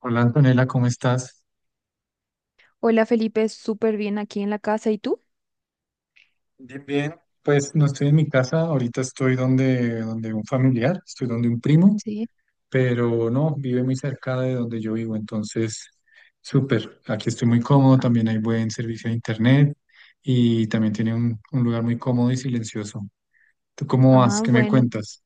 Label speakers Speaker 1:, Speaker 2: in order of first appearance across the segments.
Speaker 1: Hola Antonella, ¿cómo estás?
Speaker 2: Hola Felipe, súper bien aquí en la casa. ¿Y tú?
Speaker 1: Bien, bien. Pues no estoy en mi casa, ahorita estoy donde un familiar, estoy donde un primo,
Speaker 2: Sí.
Speaker 1: pero no, vive muy cerca de donde yo vivo, entonces súper. Aquí estoy muy cómodo,
Speaker 2: Ah,
Speaker 1: también hay buen servicio de internet y también tiene un lugar muy cómodo y silencioso. ¿Tú cómo vas?
Speaker 2: Ah,
Speaker 1: ¿Qué me
Speaker 2: bueno.
Speaker 1: cuentas?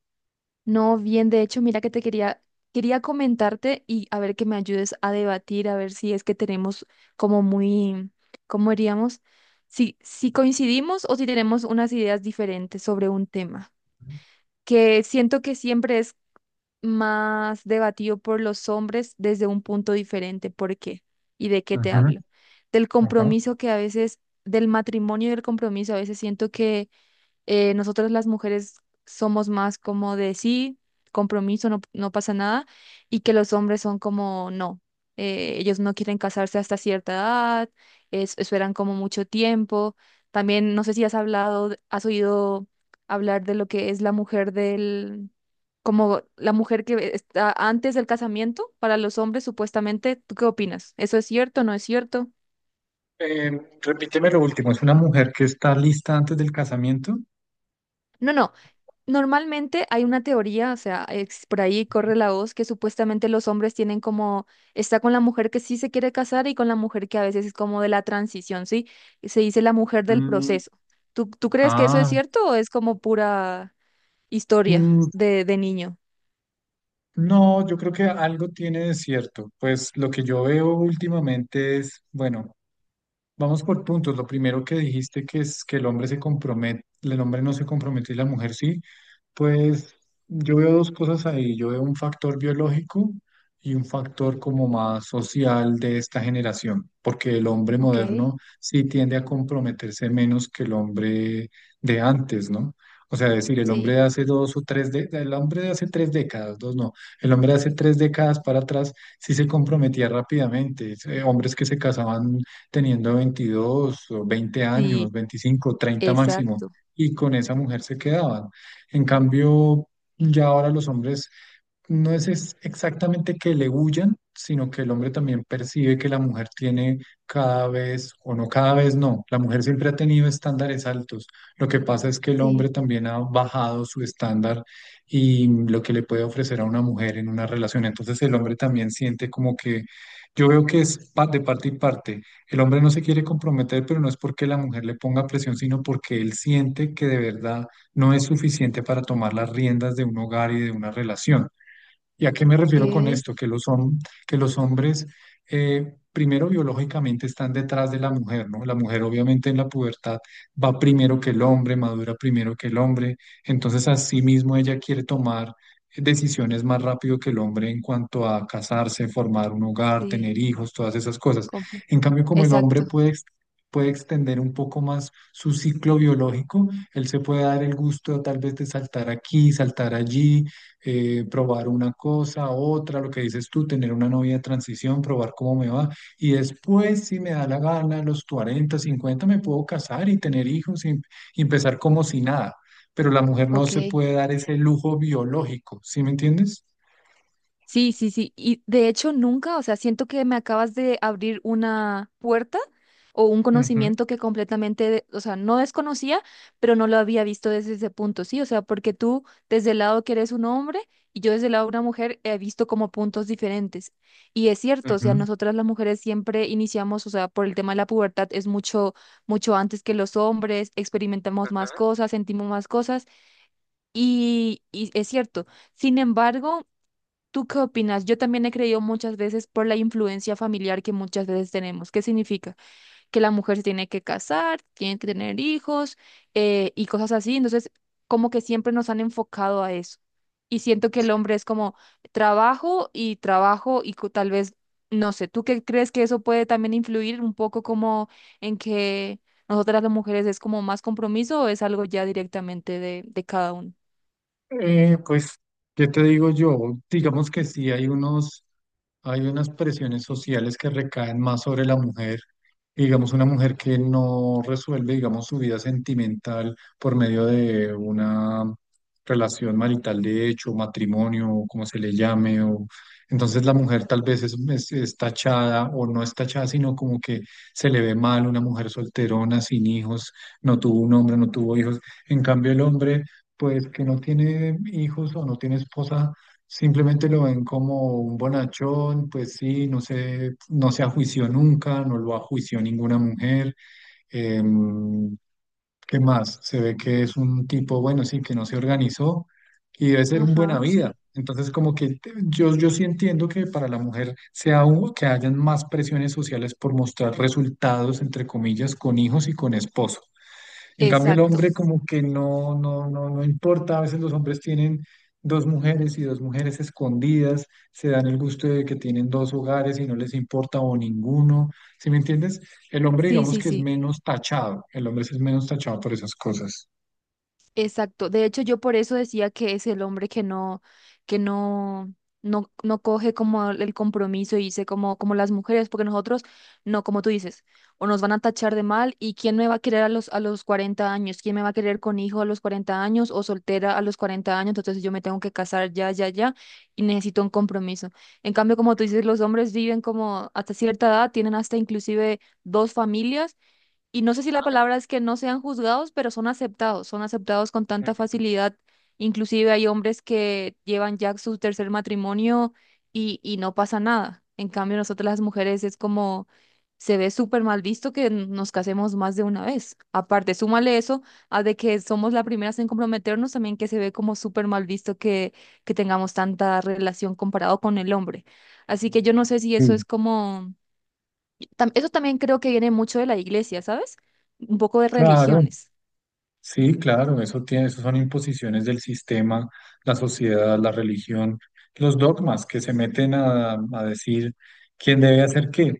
Speaker 2: No, bien, de hecho, mira que te quería comentarte y a ver que me ayudes a debatir, a ver si es que tenemos como muy, ¿cómo diríamos? Si coincidimos o si tenemos unas ideas diferentes sobre un tema, que siento que siempre es más debatido por los hombres desde un punto diferente. ¿Por qué? ¿Y de qué te
Speaker 1: Ajá,
Speaker 2: hablo? Del
Speaker 1: ajá.
Speaker 2: compromiso que a veces, del matrimonio y del compromiso, a veces siento que nosotras las mujeres somos más como de sí, compromiso, no, no pasa nada, y que los hombres son como no, ellos no quieren casarse hasta cierta edad, esperan como mucho tiempo. También no sé si has hablado, has oído hablar de lo que es la mujer del, como la mujer que está antes del casamiento para los hombres supuestamente. ¿Tú qué opinas? ¿Eso es cierto?
Speaker 1: Eh, Repíteme lo último, ¿es una mujer que está lista antes del casamiento?
Speaker 2: No, no. Normalmente hay una teoría, o sea, por ahí corre la voz que supuestamente los hombres tienen como, está con la mujer que sí se quiere casar y con la mujer que a veces es como de la transición, ¿sí? Y se dice la mujer del
Speaker 1: Mm,
Speaker 2: proceso. ¿Tú crees que eso es
Speaker 1: ah,
Speaker 2: cierto o es como pura historia de niño?
Speaker 1: No, yo creo que algo tiene de cierto. Pues lo que yo veo últimamente es, bueno, vamos por puntos. Lo primero que dijiste que es que el hombre se compromete, el hombre no se compromete y la mujer sí. Pues yo veo dos cosas ahí. Yo veo un factor biológico y un factor como más social de esta generación, porque el hombre
Speaker 2: Ok,
Speaker 1: moderno sí tiende a comprometerse menos que el hombre de antes, ¿no? O sea, decir, el hombre de
Speaker 2: sí.
Speaker 1: hace dos o tres, el hombre de hace tres décadas, dos no, el hombre de hace tres décadas para atrás sí se comprometía rápidamente. Hombres que se casaban teniendo 22 o 20 años,
Speaker 2: Sí,
Speaker 1: 25, 30 máximo,
Speaker 2: exacto.
Speaker 1: y con esa mujer se quedaban. En cambio, ya ahora los hombres no es exactamente que le huyan, sino que el hombre también percibe que la mujer tiene cada vez, o no cada vez no, la mujer siempre ha tenido estándares altos. Lo que pasa es que el
Speaker 2: Sí,
Speaker 1: hombre también ha bajado su estándar y lo que le puede ofrecer a una mujer en una relación. Entonces el hombre también siente como que yo veo que es de parte y parte. El hombre no se quiere comprometer, pero no es porque la mujer le ponga presión, sino porque él siente que de verdad no es suficiente para tomar las riendas de un hogar y de una relación. ¿Y a qué me refiero con
Speaker 2: ok.
Speaker 1: esto? Que que los hombres, primero biológicamente, están detrás de la mujer, ¿no? La mujer obviamente en la pubertad va primero que el hombre, madura primero que el hombre, entonces así mismo ella quiere tomar decisiones más rápido que el hombre en cuanto a casarse, formar un hogar, tener
Speaker 2: Sí,
Speaker 1: hijos, todas esas cosas. En
Speaker 2: completo.
Speaker 1: cambio, como el hombre
Speaker 2: Exacto.
Speaker 1: puede, puede extender un poco más su ciclo biológico, él se puede dar el gusto tal vez de saltar aquí, saltar allí, probar una cosa, otra, lo que dices tú, tener una novia de transición, probar cómo me va. Y después, si me da la gana, a los 40 50 me puedo casar y tener hijos y empezar como si nada. Pero la mujer no
Speaker 2: Ok.
Speaker 1: se puede dar ese lujo biológico, ¿sí me entiendes?
Speaker 2: Sí, sí, sí. Y de hecho nunca, o sea, siento que me acabas de abrir una puerta o un
Speaker 1: Ujú,
Speaker 2: conocimiento que completamente, o sea, no desconocía, pero no lo había visto desde ese punto, sí, o sea, porque tú desde el lado que eres un hombre y yo desde el lado de una mujer he visto como puntos diferentes. Y es cierto, o sea,
Speaker 1: ujú.
Speaker 2: nosotras las mujeres siempre iniciamos, o sea, por el tema de la pubertad es mucho antes que los hombres, experimentamos más cosas, sentimos más cosas y es cierto. Sin embargo, ¿tú qué opinas? Yo también he creído muchas veces por la influencia familiar que muchas veces tenemos. ¿Qué significa? Que la mujer se tiene que casar, tiene que tener hijos, y cosas así. Entonces, como que siempre nos han enfocado a eso. Y siento que el hombre es como trabajo y trabajo y tal vez, no sé, ¿tú qué crees que eso puede también influir un poco como en que nosotras las mujeres es como más compromiso o es algo ya directamente de cada uno?
Speaker 1: Eh, pues, ¿Qué te digo yo? Digamos que hay unas presiones sociales que recaen más sobre la mujer. Digamos, una mujer que no resuelve, digamos, su vida sentimental por medio de una relación marital de hecho, matrimonio, o como se le llame, o entonces la mujer tal vez es tachada o no es tachada, sino como que se le ve mal una mujer solterona, sin hijos, no tuvo un hombre, no tuvo hijos. En cambio, el hombre pues que no tiene hijos o no tiene esposa, simplemente lo ven como un bonachón, pues sí, no se ajuició nunca, no lo ajuició ninguna mujer. em, ¿Qué más? Se ve que es un tipo, bueno, sí, que no se organizó y debe ser un buena
Speaker 2: Ajá,
Speaker 1: vida.
Speaker 2: sí.
Speaker 1: Entonces, como que te- yo sí entiendo que para la mujer sea que hayan más presiones sociales por mostrar resultados, entre comillas, con hijos y con esposo. En cambio, el
Speaker 2: Exacto.
Speaker 1: hombre como que no, no, no importa. A veces los hombres tienen dos mujeres y dos mujeres escondidas, se dan el gusto de que tienen dos hogares y no les importa o ninguno. ¿Sí me entiendes? El hombre
Speaker 2: Sí,
Speaker 1: digamos
Speaker 2: sí,
Speaker 1: que es
Speaker 2: sí.
Speaker 1: menos tachado. El hombre sí es menos tachado por esas cosas.
Speaker 2: Exacto. De hecho, yo por eso decía que es el hombre que no, no, no coge como el compromiso y dice como, como las mujeres, porque nosotros, no, como tú dices, o nos van a tachar de mal, y quién me va a querer a los, 40 años, quién me va a querer con hijo a los 40 años o soltera a los 40 años, entonces yo me tengo que casar ya, ya, ya, y necesito un compromiso. En cambio, como tú dices, los hombres viven como hasta cierta edad, tienen hasta inclusive dos familias y no sé si la palabra es que no sean juzgados, pero son aceptados con tanta facilidad. Inclusive hay hombres que llevan ya su tercer matrimonio y no pasa nada. En cambio, nosotras las mujeres es como se ve súper mal visto que nos casemos más de una vez. Aparte, súmale eso a de que somos las primeras en comprometernos, también que se ve como súper mal visto que tengamos tanta relación comparado con el hombre. Así que yo no sé si eso
Speaker 1: Mm.
Speaker 2: es como eso también creo que viene mucho de la iglesia, ¿sabes? Un poco de
Speaker 1: Claro.
Speaker 2: religiones.
Speaker 1: Sí, claro, eso tiene, eso son imposiciones del sistema, la sociedad, la religión, los dogmas que se meten a decir quién debe hacer qué.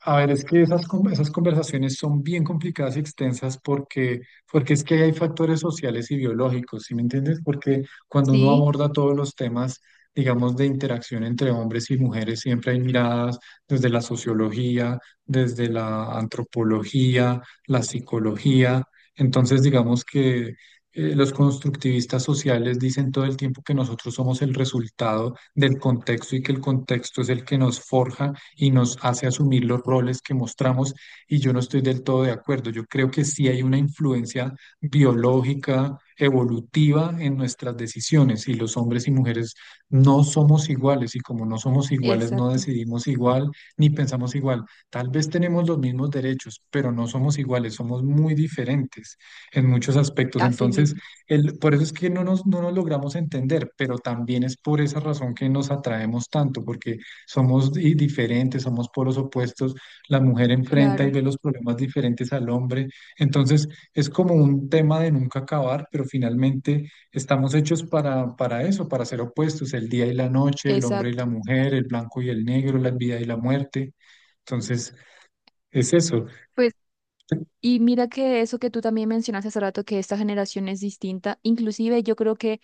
Speaker 1: A ver, es que esas conversaciones son bien complicadas y extensas porque es que hay factores sociales y biológicos, ¿sí me entiendes? Porque cuando uno
Speaker 2: Sí,
Speaker 1: aborda todos los temas, digamos, de interacción entre hombres y mujeres, siempre hay miradas desde la sociología, desde la antropología, la psicología, entonces, digamos que los constructivistas sociales dicen todo el tiempo que nosotros somos el resultado del contexto y que el contexto es el que nos forja y nos hace asumir los roles que mostramos y yo no estoy del todo de acuerdo. Yo creo que sí hay una influencia biológica, evolutiva en nuestras decisiones y los hombres y mujeres no somos iguales y como no somos iguales no
Speaker 2: exacto.
Speaker 1: decidimos igual ni pensamos igual. Tal vez tenemos los mismos derechos, pero no somos iguales, somos muy diferentes en muchos aspectos.
Speaker 2: Así
Speaker 1: Entonces,
Speaker 2: mismo,
Speaker 1: el, por eso es que no nos logramos entender, pero también es por esa razón que nos atraemos tanto, porque somos diferentes, somos polos opuestos. La mujer enfrenta y
Speaker 2: claro,
Speaker 1: ve los problemas diferentes al hombre. Entonces, es como un tema de nunca acabar, pero finalmente estamos hechos para eso, para ser opuestos, el día y la noche, el hombre y
Speaker 2: exacto.
Speaker 1: la mujer, el blanco y el negro, la vida y la muerte. Entonces, es eso.
Speaker 2: Pues, y mira que eso que tú también mencionaste hace rato, que esta generación es distinta, inclusive yo creo que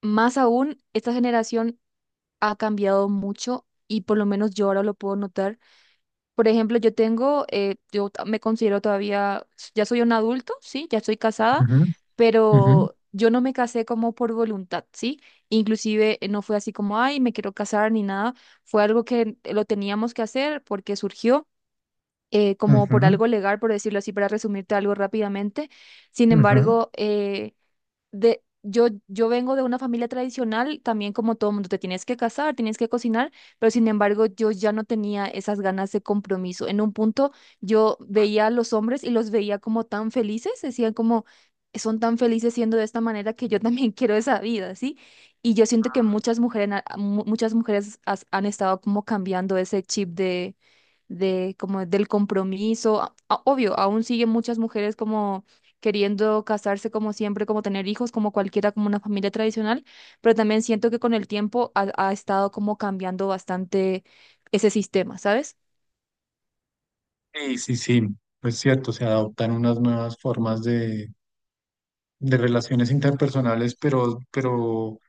Speaker 2: más aún, esta generación ha cambiado mucho y por lo menos yo ahora lo puedo notar. Por ejemplo, yo tengo, me considero todavía, ya soy un adulto, ¿sí? Ya estoy casada,
Speaker 1: Ujú, ujú,
Speaker 2: pero yo no me casé como por voluntad, ¿sí? Inclusive no fue así como, ay, me quiero casar ni nada, fue algo que lo teníamos que hacer porque surgió. Como por
Speaker 1: ujú,
Speaker 2: algo legal, por decirlo así, para resumirte algo rápidamente. Sin
Speaker 1: ujú.
Speaker 2: embargo, de, yo vengo de una familia tradicional, también como todo mundo, te tienes que casar, tienes que cocinar, pero sin embargo yo ya no tenía esas ganas de compromiso. En un punto yo veía a los hombres y los veía como tan felices, decían como, son tan felices siendo de esta manera que yo también quiero esa vida, ¿sí? Y yo siento que muchas mujeres, muchas mujeres han estado como cambiando ese chip de como del compromiso. Obvio, aún siguen muchas mujeres como queriendo casarse como siempre, como tener hijos, como cualquiera, como una familia tradicional, pero también siento que con el tiempo ha estado como cambiando bastante ese sistema, ¿sabes?
Speaker 1: Sí, sí, sí, es cierto, se adoptan unas nuevas formas de relaciones interpersonales, pero, pero,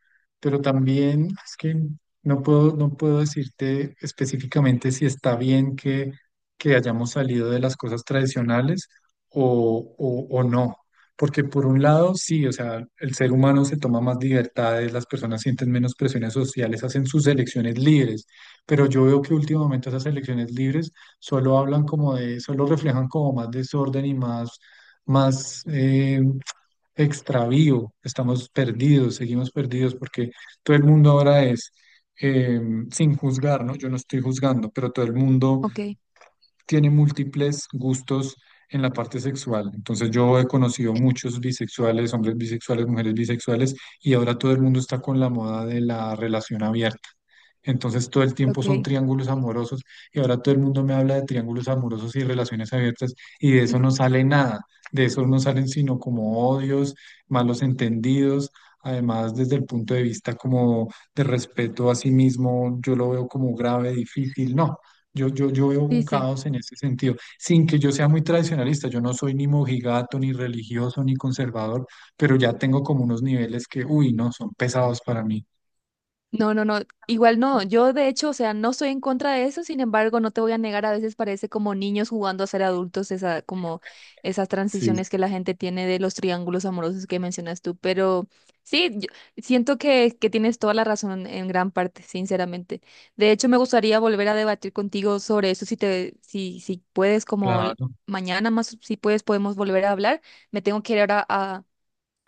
Speaker 1: pero también es que no puedo, no puedo decirte específicamente si está bien que hayamos salido de las cosas tradicionales o no. Porque por un lado, sí, o sea, el ser humano se toma más libertades, las personas sienten menos presiones sociales, hacen sus elecciones libres, pero yo veo que últimamente esas elecciones libres solo hablan como de, solo reflejan como más desorden y más, eh, extravío, estamos perdidos, seguimos perdidos, porque todo el mundo ahora es, eh, sin juzgar, ¿no? Yo no estoy juzgando, pero todo el mundo
Speaker 2: Ok,
Speaker 1: tiene múltiples gustos en la parte sexual. Entonces yo he conocido muchos bisexuales, hombres bisexuales, mujeres bisexuales, y ahora todo el mundo está con la moda de la relación abierta. Entonces todo el tiempo son
Speaker 2: ok.
Speaker 1: triángulos amorosos y ahora todo el mundo me habla de triángulos amorosos y relaciones abiertas y de eso no sale nada, de eso no salen sino como odios, malos entendidos, además desde el punto de vista como de respeto a sí mismo, yo lo veo como grave, difícil, no. Yo veo
Speaker 2: Sí,
Speaker 1: un
Speaker 2: sí.
Speaker 1: caos en ese sentido, sin que yo sea muy tradicionalista, yo no soy ni mojigato, ni religioso, ni conservador, pero ya tengo como unos niveles que, uy, no, son pesados para mí.
Speaker 2: No, no, no, igual no. Yo de hecho, o sea, no estoy en contra de eso, sin embargo, no te voy a negar, a veces parece como niños jugando a ser adultos, esa, como esas
Speaker 1: Sí,
Speaker 2: transiciones que la gente tiene de los triángulos amorosos que mencionas tú, pero sí, yo siento que, tienes toda la razón en gran parte, sinceramente. De hecho, me gustaría volver a debatir contigo sobre eso, si te, si puedes, como
Speaker 1: claro,
Speaker 2: mañana más, si puedes, podemos volver a hablar. Me tengo que ir ahora a,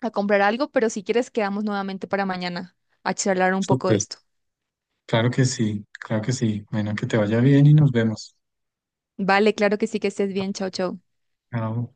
Speaker 2: comprar algo, pero si quieres, quedamos nuevamente para mañana a charlar un poco de
Speaker 1: súper,
Speaker 2: esto.
Speaker 1: claro que sí, claro que sí. Bueno, que te vaya bien y nos vemos.
Speaker 2: Vale, claro que sí, que estés bien. Chao, chao.
Speaker 1: Chao.